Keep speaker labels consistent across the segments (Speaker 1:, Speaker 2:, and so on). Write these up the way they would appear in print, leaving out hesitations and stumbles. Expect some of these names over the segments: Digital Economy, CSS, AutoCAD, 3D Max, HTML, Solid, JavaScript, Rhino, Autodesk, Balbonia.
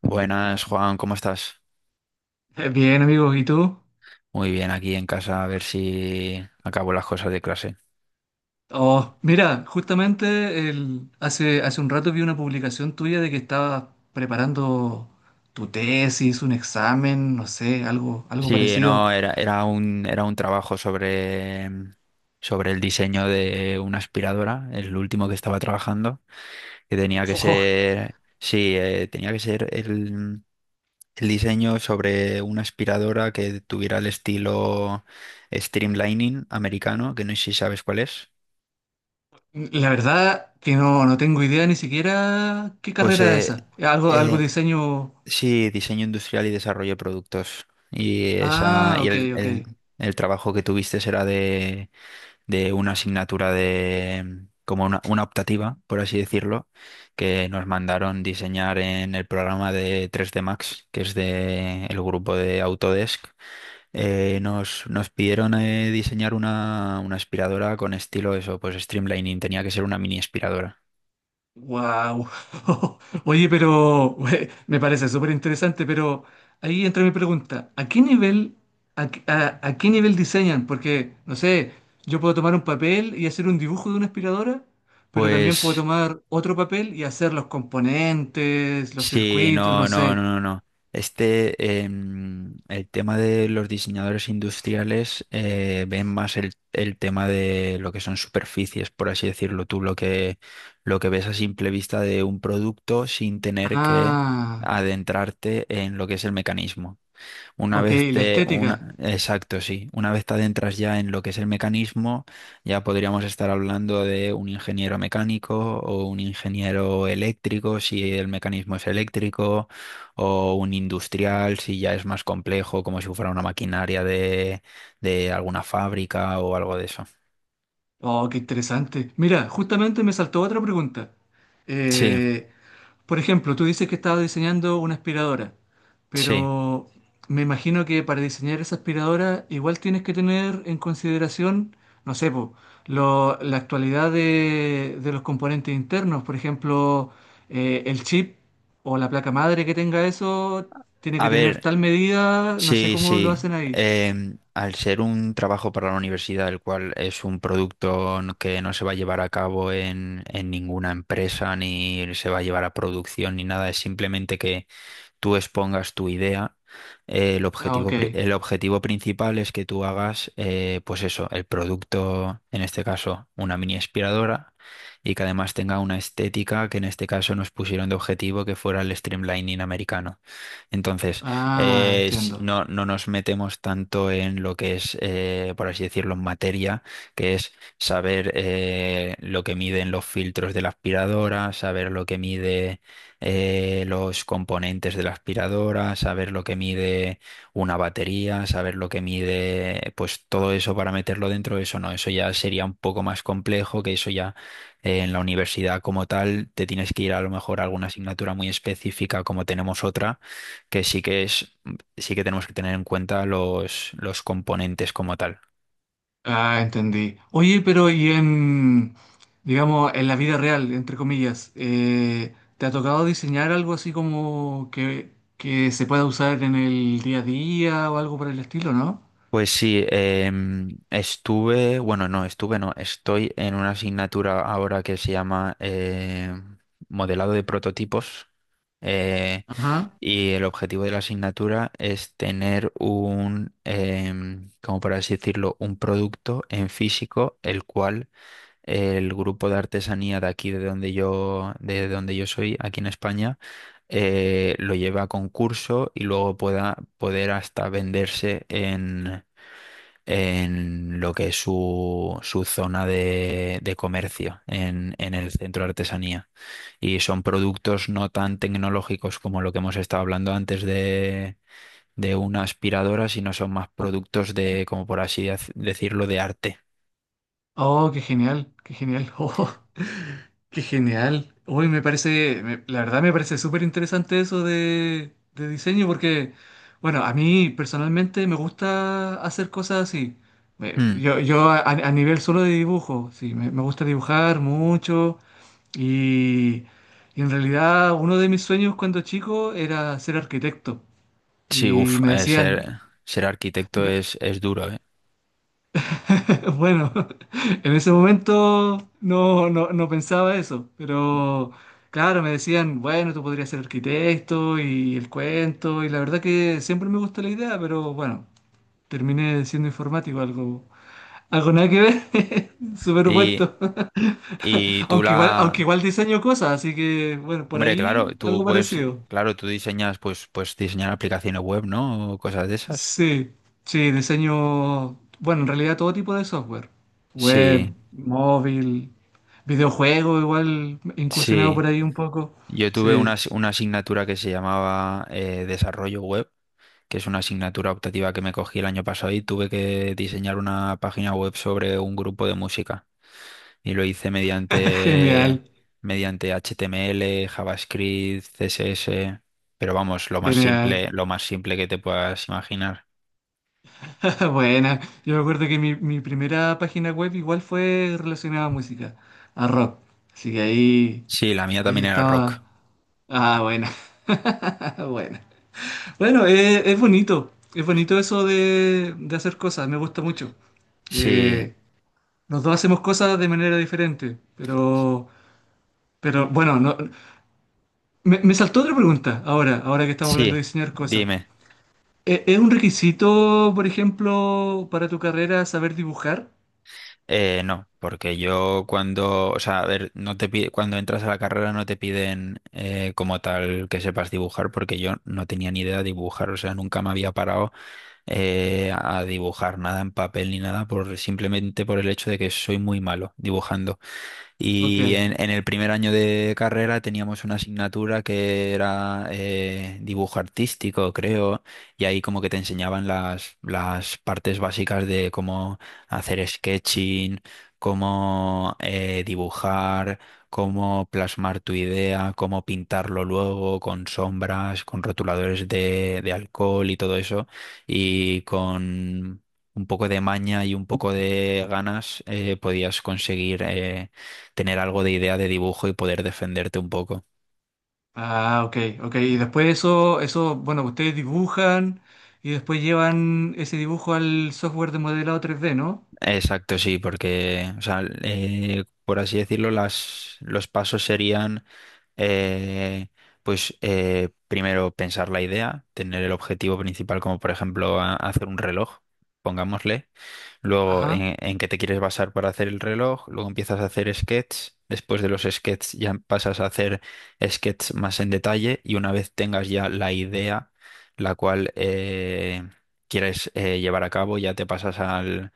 Speaker 1: Buenas, Juan, ¿cómo estás?
Speaker 2: Bien, amigo, ¿y tú?
Speaker 1: Muy bien, aquí en casa a ver si acabo las cosas de clase.
Speaker 2: Oh, mira, justamente hace un rato vi una publicación tuya de que estabas preparando tu tesis, un examen, no sé, algo
Speaker 1: Sí,
Speaker 2: parecido.
Speaker 1: no, era un trabajo sobre el diseño de una aspiradora, el último que estaba trabajando, que tenía que
Speaker 2: Oh,
Speaker 1: ser, sí, tenía que ser el diseño sobre una aspiradora que tuviera el estilo streamlining americano, que no sé si sabes cuál es.
Speaker 2: la verdad que no, no tengo idea ni siquiera qué
Speaker 1: Pues
Speaker 2: carrera es esa. Algo, algo
Speaker 1: eh,
Speaker 2: de diseño.
Speaker 1: sí, diseño industrial y desarrollo de productos. Y esa,
Speaker 2: Ah, ok, ok.
Speaker 1: el trabajo que tuviste era de una asignatura de como una optativa, por así decirlo, que nos mandaron diseñar en el programa de 3D Max, que es de el grupo de Autodesk. Nos pidieron diseñar una aspiradora con estilo eso, pues streamlining, tenía que ser una mini aspiradora.
Speaker 2: Wow. Oye, pero me parece súper interesante, pero ahí entra mi pregunta. ¿A qué nivel, a qué nivel diseñan? Porque, no sé, yo puedo tomar un papel y hacer un dibujo de una aspiradora, pero también puedo
Speaker 1: Pues
Speaker 2: tomar otro papel y hacer los componentes, los
Speaker 1: Sí,
Speaker 2: circuitos, no
Speaker 1: no, no, no,
Speaker 2: sé.
Speaker 1: no, no. Este, el tema de los diseñadores industriales ven más el tema de lo que son superficies, por así decirlo tú, lo que ves a simple vista de un producto sin tener que
Speaker 2: Ah,
Speaker 1: adentrarte en lo que es el mecanismo. Una
Speaker 2: ok,
Speaker 1: vez
Speaker 2: la
Speaker 1: te,
Speaker 2: estética.
Speaker 1: una, exacto, sí. Una vez te adentras ya en lo que es el mecanismo, ya podríamos estar hablando de un ingeniero mecánico o un ingeniero eléctrico, si el mecanismo es eléctrico, o un industrial, si ya es más complejo, como si fuera una maquinaria de alguna fábrica o algo de eso.
Speaker 2: Oh, qué interesante. Mira, justamente me saltó otra pregunta.
Speaker 1: Sí,
Speaker 2: Eh, por ejemplo, tú dices que estabas diseñando una aspiradora,
Speaker 1: sí.
Speaker 2: pero me imagino que para diseñar esa aspiradora igual tienes que tener en consideración, no sé, po, la actualidad de los componentes internos. Por ejemplo, el chip o la placa madre que tenga eso tiene
Speaker 1: A
Speaker 2: que tener
Speaker 1: ver.
Speaker 2: tal medida, no sé
Speaker 1: Sí,
Speaker 2: cómo lo
Speaker 1: sí.
Speaker 2: hacen ahí.
Speaker 1: Al ser un trabajo para la universidad, el cual es un producto que no se va a llevar a cabo en ninguna empresa, ni se va a llevar a producción, ni nada, es simplemente que tú expongas tu idea. El
Speaker 2: Ah,
Speaker 1: objetivo,
Speaker 2: ok.
Speaker 1: el objetivo principal es que tú hagas, pues eso, el producto, en este caso, una mini aspiradora, y que además tenga una estética que en este caso nos pusieron de objetivo que fuera el streamlining americano. Entonces,
Speaker 2: Ah, entiendo.
Speaker 1: no, no nos metemos tanto en lo que es, por así decirlo, en materia, que es saber lo que miden los filtros de la aspiradora, saber lo que mide los componentes de la aspiradora, saber lo que mide una batería, saber lo que mide, pues todo eso para meterlo dentro, eso no, eso ya sería un poco más complejo, que eso ya en la universidad como tal te tienes que ir a lo mejor a alguna asignatura muy específica como tenemos otra, que sí que es, sí que tenemos que tener en cuenta los componentes como tal.
Speaker 2: Ah, entendí. Oye, pero y en, digamos, en la vida real, entre comillas, ¿te ha tocado diseñar algo así como que se pueda usar en el día a día o algo por el estilo, ¿no?
Speaker 1: Pues sí, em, estuve, bueno, no, estuve, no, estoy en una asignatura ahora que se llama modelado de prototipos eh,
Speaker 2: Ajá.
Speaker 1: y el objetivo de la asignatura es tener un, como por así decirlo, un producto en físico, el cual el grupo de artesanía de aquí, de donde yo soy, aquí en España, lo lleva a concurso y luego pueda poder hasta venderse en lo que es su, su zona de comercio en el centro de artesanía. Y son productos no tan tecnológicos como lo que hemos estado hablando antes de una aspiradora, sino son más productos de, como por así decirlo, de arte.
Speaker 2: Oh, qué genial, qué genial. Oh, qué genial. Uy, me parece, me- la verdad me parece súper interesante eso de diseño porque, bueno, a mí personalmente me gusta hacer cosas así. Me-
Speaker 1: Mm.
Speaker 2: Yo a nivel solo de dibujo, sí, me gusta dibujar mucho y, y en realidad uno de mis sueños cuando chico era ser arquitecto.
Speaker 1: Sí,
Speaker 2: Y
Speaker 1: uff,
Speaker 2: me decían,
Speaker 1: ser arquitecto es duro, ¿eh?
Speaker 2: bueno, en ese momento no, no, no pensaba eso, pero claro, me decían, bueno, tú podrías ser arquitecto y el cuento, y la verdad que siempre me gustó la idea, pero bueno, terminé siendo informático, algo, algo nada que ver,
Speaker 1: Y,
Speaker 2: superpuesto.
Speaker 1: y tú
Speaker 2: Aunque
Speaker 1: la...
Speaker 2: igual diseño cosas, así que bueno, por
Speaker 1: Hombre, claro,
Speaker 2: ahí
Speaker 1: tú
Speaker 2: algo
Speaker 1: puedes,
Speaker 2: parecido.
Speaker 1: claro, tú diseñas, pues, pues diseñar aplicaciones web, ¿no? O cosas de esas.
Speaker 2: Sí, sí, diseño, bueno, en realidad todo tipo de software, web,
Speaker 1: Sí.
Speaker 2: móvil, videojuego, igual incursionado
Speaker 1: Sí,
Speaker 2: por ahí un poco.
Speaker 1: yo tuve una,
Speaker 2: Sí,
Speaker 1: una asignatura que se llamaba Desarrollo Web, que es una asignatura optativa que me cogí el año pasado y tuve que diseñar una página web sobre un grupo de música. Y lo hice
Speaker 2: genial,
Speaker 1: mediante HTML, JavaScript, CSS, pero vamos,
Speaker 2: genial.
Speaker 1: lo más simple que te puedas imaginar.
Speaker 2: Buena, yo me acuerdo que mi primera página web igual fue relacionada a música, a rock. Así que ahí,
Speaker 1: Sí, la mía
Speaker 2: ahí
Speaker 1: también era rock.
Speaker 2: estaba. Ah, buena, buena. Bueno, es bonito eso de hacer cosas, me gusta mucho.
Speaker 1: Sí,
Speaker 2: Eh, Los dos hacemos cosas de manera diferente, pero bueno, no- me saltó otra pregunta ahora, ahora que estamos hablando de
Speaker 1: sí,
Speaker 2: diseñar cosas.
Speaker 1: dime.
Speaker 2: ¿Es un requisito, por ejemplo, para tu carrera saber dibujar?
Speaker 1: No, porque yo cuando, o sea, a ver, no te pide, cuando entras a la carrera no te piden como tal que sepas dibujar, porque yo no tenía ni idea de dibujar, o sea, nunca me había parado a dibujar nada en papel ni nada, por simplemente por el hecho de que soy muy malo dibujando.
Speaker 2: Ok,
Speaker 1: Y en el primer año de carrera teníamos una asignatura que era dibujo artístico, creo, y ahí como que te enseñaban las partes básicas de cómo hacer sketching, cómo dibujar, cómo plasmar tu idea, cómo pintarlo luego con sombras, con rotuladores de alcohol y todo eso, y con... Un poco de maña y un poco de ganas podías conseguir tener algo de idea de dibujo y poder defenderte un poco.
Speaker 2: ah, ok, ok. Y después eso, eso, bueno, ustedes dibujan y después llevan ese dibujo al software de modelado 3D, ¿no?
Speaker 1: Exacto, sí, porque, o sea, por así decirlo, los pasos serían, eh, primero pensar la idea, tener el objetivo principal, como por ejemplo hacer un reloj, pongámosle. Luego,
Speaker 2: Ajá.
Speaker 1: en qué te quieres basar para hacer el reloj. Luego empiezas a hacer sketches. Después de los sketches ya pasas a hacer sketches más en detalle. Y una vez tengas ya la idea, la cual quieres llevar a cabo, ya te pasas al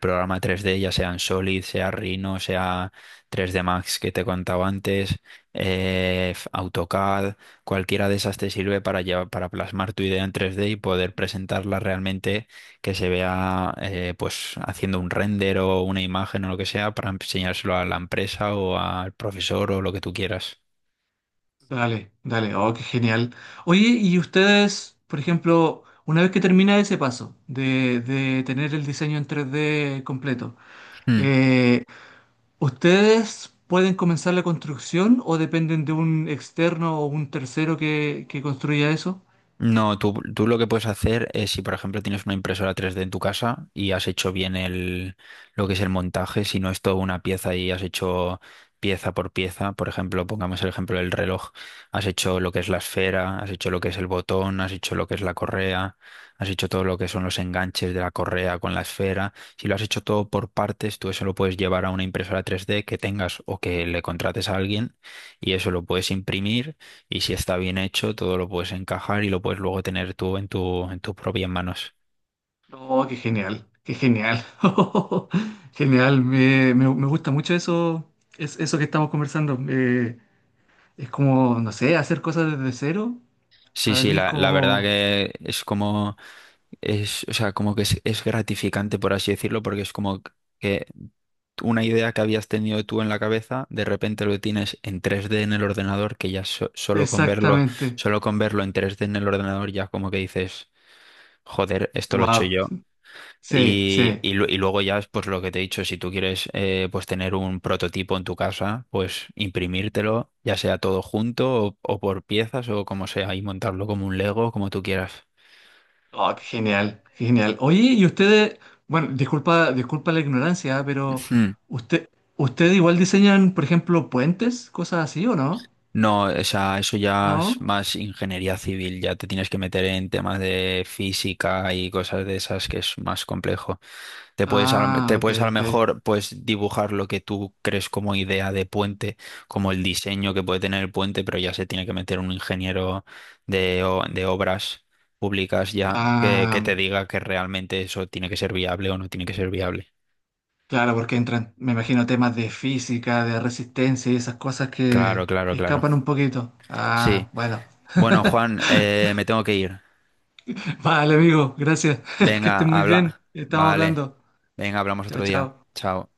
Speaker 1: programa 3D, ya sea en Solid, sea Rhino, sea 3D Max que te contaba antes, AutoCAD, cualquiera de esas te sirve para llevar, para plasmar tu idea en 3D y poder presentarla realmente que se vea pues haciendo un render o una imagen o lo que sea para enseñárselo a la empresa o al profesor o lo que tú quieras.
Speaker 2: Dale, dale, oh, qué genial. Oye, y ustedes, por ejemplo, una vez que termina ese paso de tener el diseño en 3D completo,
Speaker 1: Mm.
Speaker 2: eh, ¿ustedes pueden comenzar la construcción o dependen de un externo o un tercero que construya eso?
Speaker 1: No, tú lo que puedes hacer es si, por ejemplo, tienes una impresora 3D en tu casa y has hecho bien el, lo que es el montaje, si no es toda una pieza y has hecho pieza por pieza, por ejemplo, pongamos el ejemplo del reloj, has hecho lo que es la esfera, has hecho lo que es el botón, has hecho lo que es la correa, has hecho todo lo que son los enganches de la correa con la esfera, si lo has hecho todo por partes, tú eso lo puedes llevar a una impresora 3D que tengas o que le contrates a alguien y eso lo puedes imprimir y si está bien hecho, todo lo puedes encajar y lo puedes luego tener tú en tu, en tus propias manos.
Speaker 2: Oh, qué genial, qué genial. Genial, me- me gusta mucho eso, es, eso que estamos conversando. Es como, no sé, hacer cosas desde cero,
Speaker 1: Sí,
Speaker 2: para
Speaker 1: sí,
Speaker 2: mí es
Speaker 1: la verdad
Speaker 2: como...
Speaker 1: que es como, es, o sea, como que es gratificante, por así decirlo, porque es como que una idea que habías tenido tú en la cabeza, de repente lo tienes en 3D en el ordenador, que ya
Speaker 2: Exactamente.
Speaker 1: solo con verlo en 3D en el ordenador, ya como que dices, joder, esto lo he hecho
Speaker 2: Wow,
Speaker 1: yo.
Speaker 2: sí,
Speaker 1: Y,
Speaker 2: sí.
Speaker 1: y lu- y luego ya, pues lo que te he dicho, si tú quieres pues tener un prototipo en tu casa, pues imprimírtelo, ya sea todo junto o por piezas o como sea, y montarlo como un Lego, como tú quieras.
Speaker 2: Oh, qué genial, qué genial. Oye, y ustedes, bueno, disculpa, disculpa la ignorancia, pero
Speaker 1: Ujú.
Speaker 2: usted, ¿ustedes igual diseñan, por ejemplo, puentes, cosas así o no?
Speaker 1: No, o sea, eso ya es
Speaker 2: ¿No?
Speaker 1: más ingeniería civil, ya te tienes que meter en temas de física y cosas de esas que es más complejo. Te puedes,
Speaker 2: Ah,
Speaker 1: te
Speaker 2: ok,
Speaker 1: puedes a lo
Speaker 2: ok.
Speaker 1: mejor pues dibujar lo que tú crees como idea de puente, como el diseño que puede tener el puente, pero ya se tiene que meter un ingeniero de, de obras públicas ya que
Speaker 2: Ah,
Speaker 1: te diga que realmente eso tiene que ser viable o no tiene que ser viable.
Speaker 2: claro, porque entran, me imagino, temas de física, de resistencia y esas cosas
Speaker 1: Claro,
Speaker 2: que
Speaker 1: claro, claro.
Speaker 2: escapan un poquito. Ah,
Speaker 1: Sí.
Speaker 2: bueno.
Speaker 1: Bueno, Juan, me tengo que ir.
Speaker 2: Vale, amigo, gracias. Que
Speaker 1: Venga,
Speaker 2: esté muy bien.
Speaker 1: habla.
Speaker 2: Estamos
Speaker 1: Vale.
Speaker 2: hablando.
Speaker 1: Venga, hablamos
Speaker 2: Chao,
Speaker 1: otro día.
Speaker 2: chao.
Speaker 1: Chao.